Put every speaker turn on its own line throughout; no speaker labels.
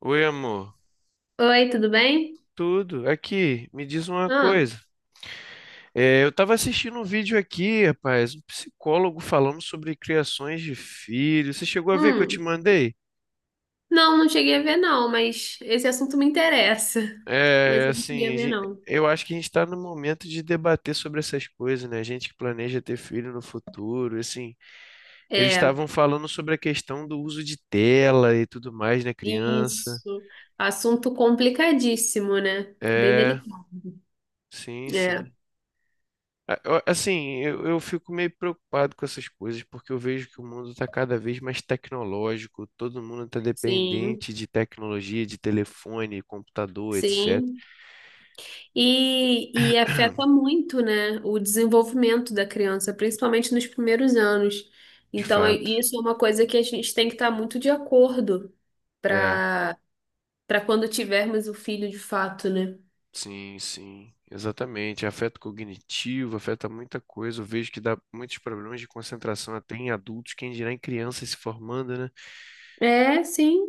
Oi, amor.
Oi, tudo bem?
Tudo? Aqui, me diz uma
Ah,
coisa. Eu estava assistindo um vídeo aqui, rapaz, um psicólogo falando sobre criações de filhos. Você chegou a ver que eu te
hum.
mandei?
Não, não cheguei a ver não, mas esse assunto me interessa. Mas
É,
eu não cheguei a
assim, a
ver
gen-
não.
eu acho que a gente está no momento de debater sobre essas coisas, né? Gente que planeja ter filho no futuro, assim. Eles
É,
estavam falando sobre a questão do uso de tela e tudo mais na criança.
isso. Assunto complicadíssimo, né? Bem
É,
delicado.
sim,
É,
sim. Assim, eu fico meio preocupado com essas coisas, porque eu vejo que o mundo está cada vez mais tecnológico, todo mundo está
sim,
dependente de tecnologia, de telefone, computador, etc.
sim. E afeta muito, né, o desenvolvimento da criança, principalmente nos primeiros anos.
De
Então, é,
fato.
isso é uma coisa que a gente tem que estar muito de acordo
É,
para para quando tivermos o filho de fato, né?
sim, sim, exatamente. Afeto cognitivo, afeta muita coisa. Eu vejo que dá muitos problemas de concentração até em adultos, quem dirá em crianças se formando, né?
É, sim.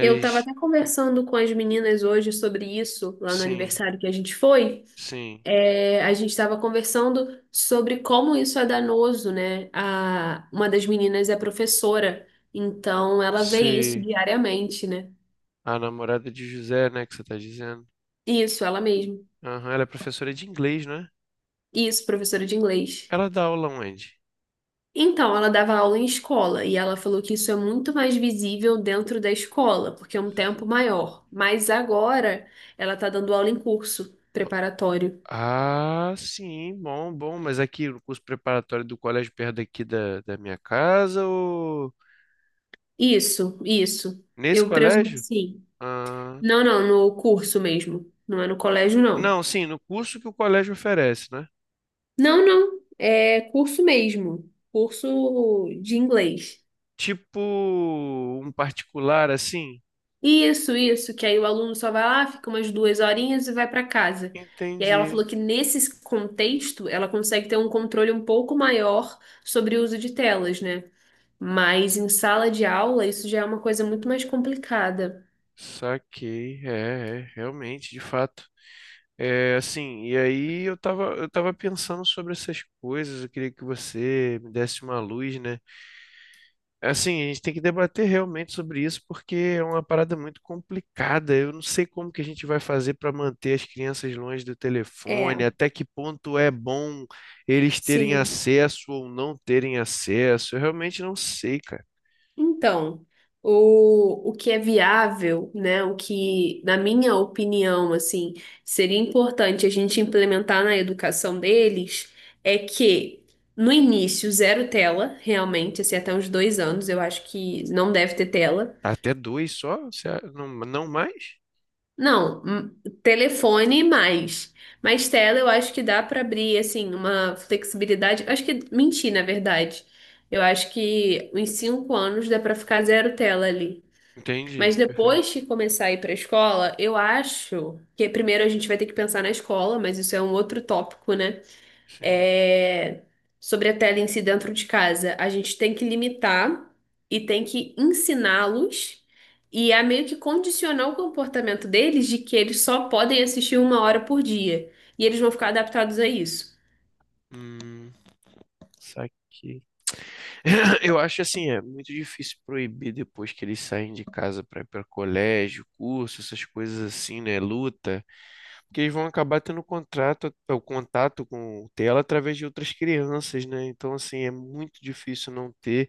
Eu estava até conversando com as meninas hoje sobre isso, lá no
sim,
aniversário que a gente foi.
sim.
É, a gente estava conversando sobre como isso é danoso, né? Uma das meninas é professora, então ela vê isso
Se
diariamente, né?
a namorada de José, né, que você está dizendo.
Isso, ela mesma.
Aham, ela é professora de inglês, né?
Isso, professora de inglês.
Ela dá aula onde?
Então, ela dava aula em escola e ela falou que isso é muito mais visível dentro da escola, porque é um tempo maior. Mas agora ela está dando aula em curso
Po-
preparatório.
Ah, sim, bom, bom, mas aqui no curso preparatório do colégio perto daqui da minha casa ou
Isso, isso.
nesse
Eu presumo que
colégio?
sim.
Ah,
Não, não, no curso mesmo. Não é no colégio, não.
não, sim, no curso que o colégio oferece, né?
Não, não. É curso mesmo. Curso de inglês.
Tipo um particular assim?
Isso, isso. Que aí o aluno só vai lá, fica umas duas horinhas e vai para casa. E aí ela
Entendi.
falou que nesse contexto ela consegue ter um controle um pouco maior sobre o uso de telas, né? Mas em sala de aula isso já é uma coisa muito mais complicada.
Saquei, realmente, de fato. E aí eu tava pensando sobre essas coisas, eu queria que você me desse uma luz, né? Assim, a gente tem que debater realmente sobre isso, porque é uma parada muito complicada. Eu não sei como que a gente vai fazer para manter as crianças longe do
É,
telefone, até que ponto é bom eles terem
sim.
acesso ou não terem acesso. Eu realmente não sei, cara.
Então, o que é viável, né? O que, na minha opinião, assim, seria importante a gente implementar na educação deles é que no início, zero tela, realmente, assim, até uns 2 anos, eu acho que não deve ter tela.
Tá. Até dois só? Não, não mais?
Não, telefone mais. Mas tela eu acho que dá para abrir, assim, uma flexibilidade. Acho que menti, na verdade. Eu acho que em 5 anos dá para ficar zero tela ali. Mas
Entendi, perfeito.
depois que começar a ir para a escola, eu acho que primeiro a gente vai ter que pensar na escola, mas isso é um outro tópico, né?
Sim.
É... Sobre a tela em si dentro de casa. A gente tem que limitar e tem que ensiná-los e a meio que condicionar o comportamento deles de que eles só podem assistir 1 hora por dia. E eles vão ficar adaptados a isso.
Hum, saquei. Eu acho assim, é muito difícil proibir depois que eles saem de casa para ir para colégio, curso, essas coisas assim, né? Luta. Que eles vão acabar tendo o contato com o tela através de outras crianças, né? Então, assim, é muito difícil não ter.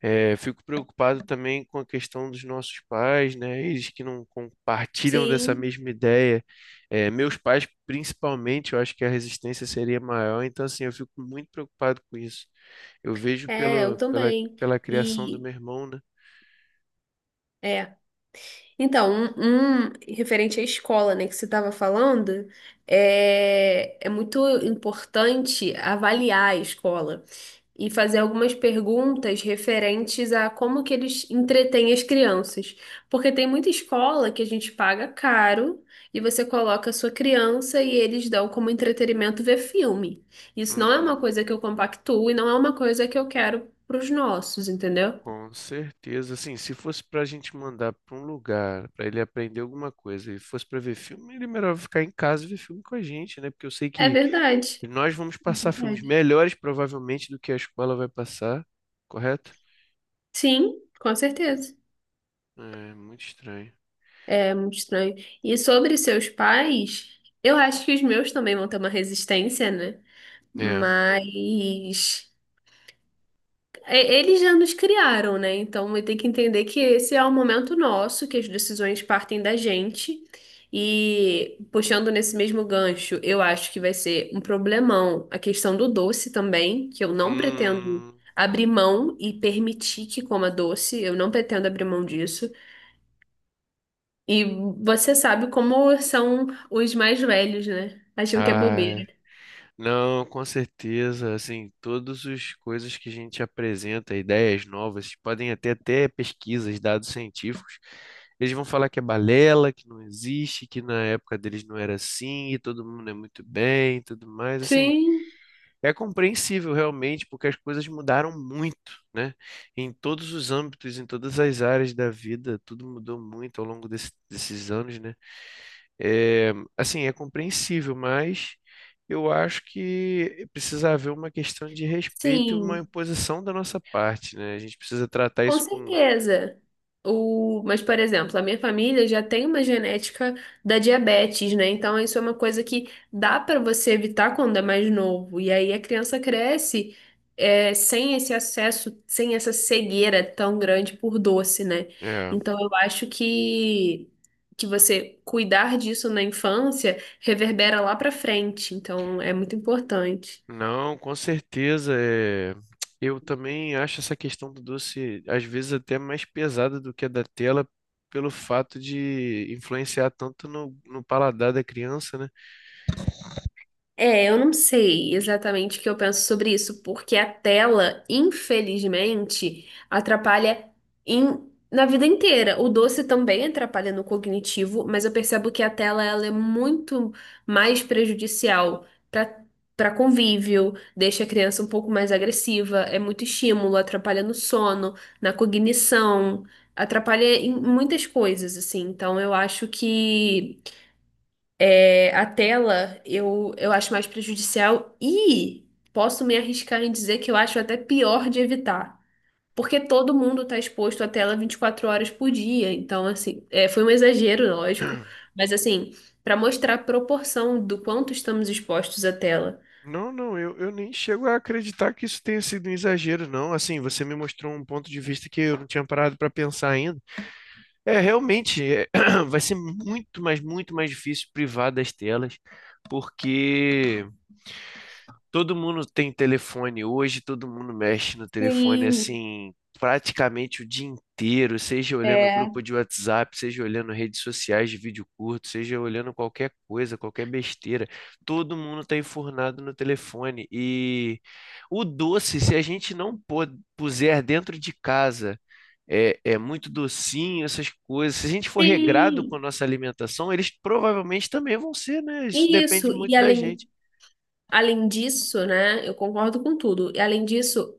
Fico preocupado também com a questão dos nossos pais, né? Eles que não compartilham dessa
Sim,
mesma ideia. Meus pais, principalmente, eu acho que a resistência seria maior. Então, assim, eu fico muito preocupado com isso. Eu vejo
eu também.
pela criação do
E.
meu irmão, né?
é, Então, um referente à escola, né, que você estava falando, é, é muito importante avaliar a escola e fazer algumas perguntas referentes a como que eles entretêm as crianças. Porque tem muita escola que a gente paga caro e você coloca a sua criança e eles dão como entretenimento ver filme. Isso não é uma
Hum.
coisa que eu compactuo e não é uma coisa que eu quero para os nossos, entendeu?
Com certeza, assim, se fosse pra gente mandar pra um lugar, pra ele aprender alguma coisa, e fosse pra ver filme, ele melhor ficar em casa e ver filme com a gente, né? Porque eu sei
É
que
verdade.
nós vamos passar filmes
Verdade.
melhores, provavelmente, do que a escola vai passar, correto?
Sim, com certeza.
É, muito estranho.
Muito estranho. E sobre seus pais, eu acho que os meus também vão ter uma resistência, né?
É.
Mas é, eles já nos criaram, né? Então vai ter que entender que esse é o momento nosso, que as decisões partem da gente. E puxando nesse mesmo gancho, eu acho que vai ser um problemão a questão do doce também, que eu não pretendo
Hum.
abrir mão e permitir que coma doce, eu não pretendo abrir mão disso. E você sabe como são os mais velhos, né? Acham que é
Ai.
bobeira.
Não, com certeza, assim, todas as coisas que a gente apresenta, ideias novas, podem até pesquisas, dados científicos, eles vão falar que é balela, que não existe, que na época deles não era assim, e todo mundo é muito bem, e tudo mais, assim,
Sim,
é compreensível realmente, porque as coisas mudaram muito, né? Em todos os âmbitos, em todas as áreas da vida, tudo mudou muito ao longo desses anos, né? É, é compreensível, mas eu acho que precisa haver uma questão de respeito e uma
sim.
imposição da nossa parte, né? A gente precisa tratar
Com
isso com,
certeza. Mas, por exemplo, a minha família já tem uma genética da diabetes, né? Então, isso é uma coisa que dá para você evitar quando é mais novo. E aí a criança cresce sem esse acesso, sem essa cegueira tão grande por doce, né?
é.
Então, eu acho que você cuidar disso na infância reverbera lá para frente. Então, é muito importante.
Não, com certeza. Eu também acho essa questão do doce, às vezes, até mais pesada do que a da tela, pelo fato de influenciar tanto no paladar da criança, né?
É, eu não sei exatamente o que eu penso sobre isso, porque a tela, infelizmente, atrapalha na vida inteira. O doce também atrapalha no cognitivo, mas eu percebo que a tela ela é muito mais prejudicial para para convívio, deixa a criança um pouco mais agressiva, é muito estímulo, atrapalha no sono, na cognição, atrapalha em muitas coisas, assim. Então eu acho que a tela eu acho mais prejudicial e posso me arriscar em dizer que eu acho até pior de evitar. Porque todo mundo está exposto à tela 24 horas por dia. Então, assim, é, foi um exagero, lógico. Mas, assim, para mostrar a proporção do quanto estamos expostos à tela.
Não, não, eu nem chego a acreditar que isso tenha sido um exagero, não. Assim, você me mostrou um ponto de vista que eu não tinha parado para pensar ainda. É, realmente, é, vai ser muito, mas muito mais difícil privar das telas, porque. Todo mundo tem telefone hoje, todo mundo mexe no telefone
Sim,
assim, praticamente o dia inteiro, seja olhando
é,
grupo de WhatsApp, seja olhando redes sociais de vídeo curto, seja olhando qualquer coisa, qualquer besteira. Todo mundo está enfurnado no telefone. E o doce, se a gente não pô- puser dentro de casa, é muito docinho, essas coisas. Se a gente for regrado com a
sim.
nossa alimentação, eles provavelmente também vão ser, né? Isso depende
Isso.
muito da gente.
Além disso, né, eu concordo com tudo. E além disso,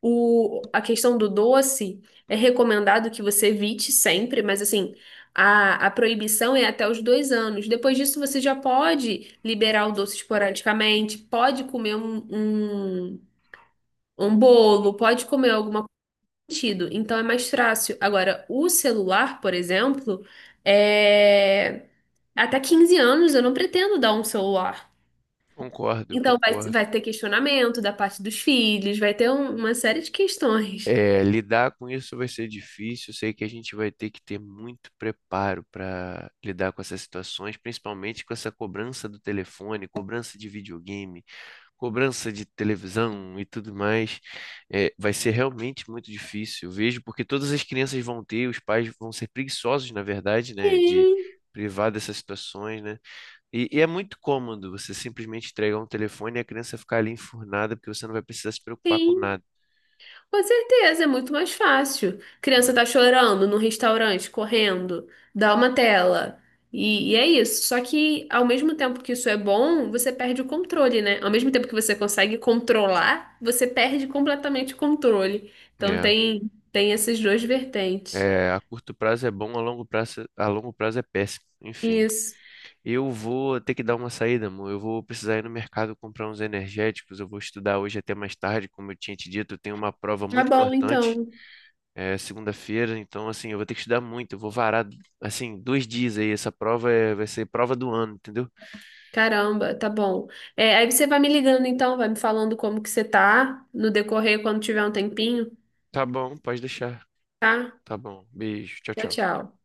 o, a questão do doce é recomendado que você evite sempre, mas assim, a proibição é até os 2 anos. Depois disso, você já pode liberar o doce esporadicamente, pode comer um, um bolo, pode comer alguma coisa nesse sentido. Então é mais fácil. Agora, o celular, por exemplo, é... até 15 anos eu não pretendo dar um celular.
Concordo,
Então vai,
concordo.
vai ter questionamento da parte dos filhos, vai ter uma série de questões.
É, lidar com isso vai ser difícil. Sei que a gente vai ter que ter muito preparo para lidar com essas situações, principalmente com essa cobrança do telefone, cobrança de videogame, cobrança de televisão e tudo mais. É, vai ser realmente muito difícil. Eu vejo porque todas as crianças vão ter, os pais vão ser preguiçosos, na verdade, né, de
Sim,
privar dessas situações, né? E é muito cômodo você simplesmente entregar um telefone e a criança ficar ali enfurnada porque você não vai precisar se preocupar com
sim.
nada.
Com certeza, é muito mais fácil.
Né?
Criança tá chorando no restaurante, correndo, dá uma tela. E é isso. Só que ao mesmo tempo que isso é bom, você perde o controle, né? Ao mesmo tempo que você consegue controlar, você perde completamente o controle. Então
É.
tem essas duas vertentes.
É, a curto prazo é bom, a longo prazo é péssimo. Enfim,
Isso.
eu vou ter que dar uma saída, amor. Eu vou precisar ir no mercado comprar uns energéticos. Eu vou estudar hoje até mais tarde, como eu tinha te dito. Eu tenho uma prova
Tá
muito
bom,
importante,
então.
segunda-feira. Então, assim, eu vou ter que estudar muito. Eu vou varar, assim, dois dias aí. Vai ser prova do ano, entendeu?
Caramba, tá bom. É, aí você vai me ligando então, vai me falando como que você tá no decorrer quando tiver um tempinho,
Tá bom, pode deixar.
tá?
Tá bom. Beijo. Tchau,
Tchau,
tchau.
tchau.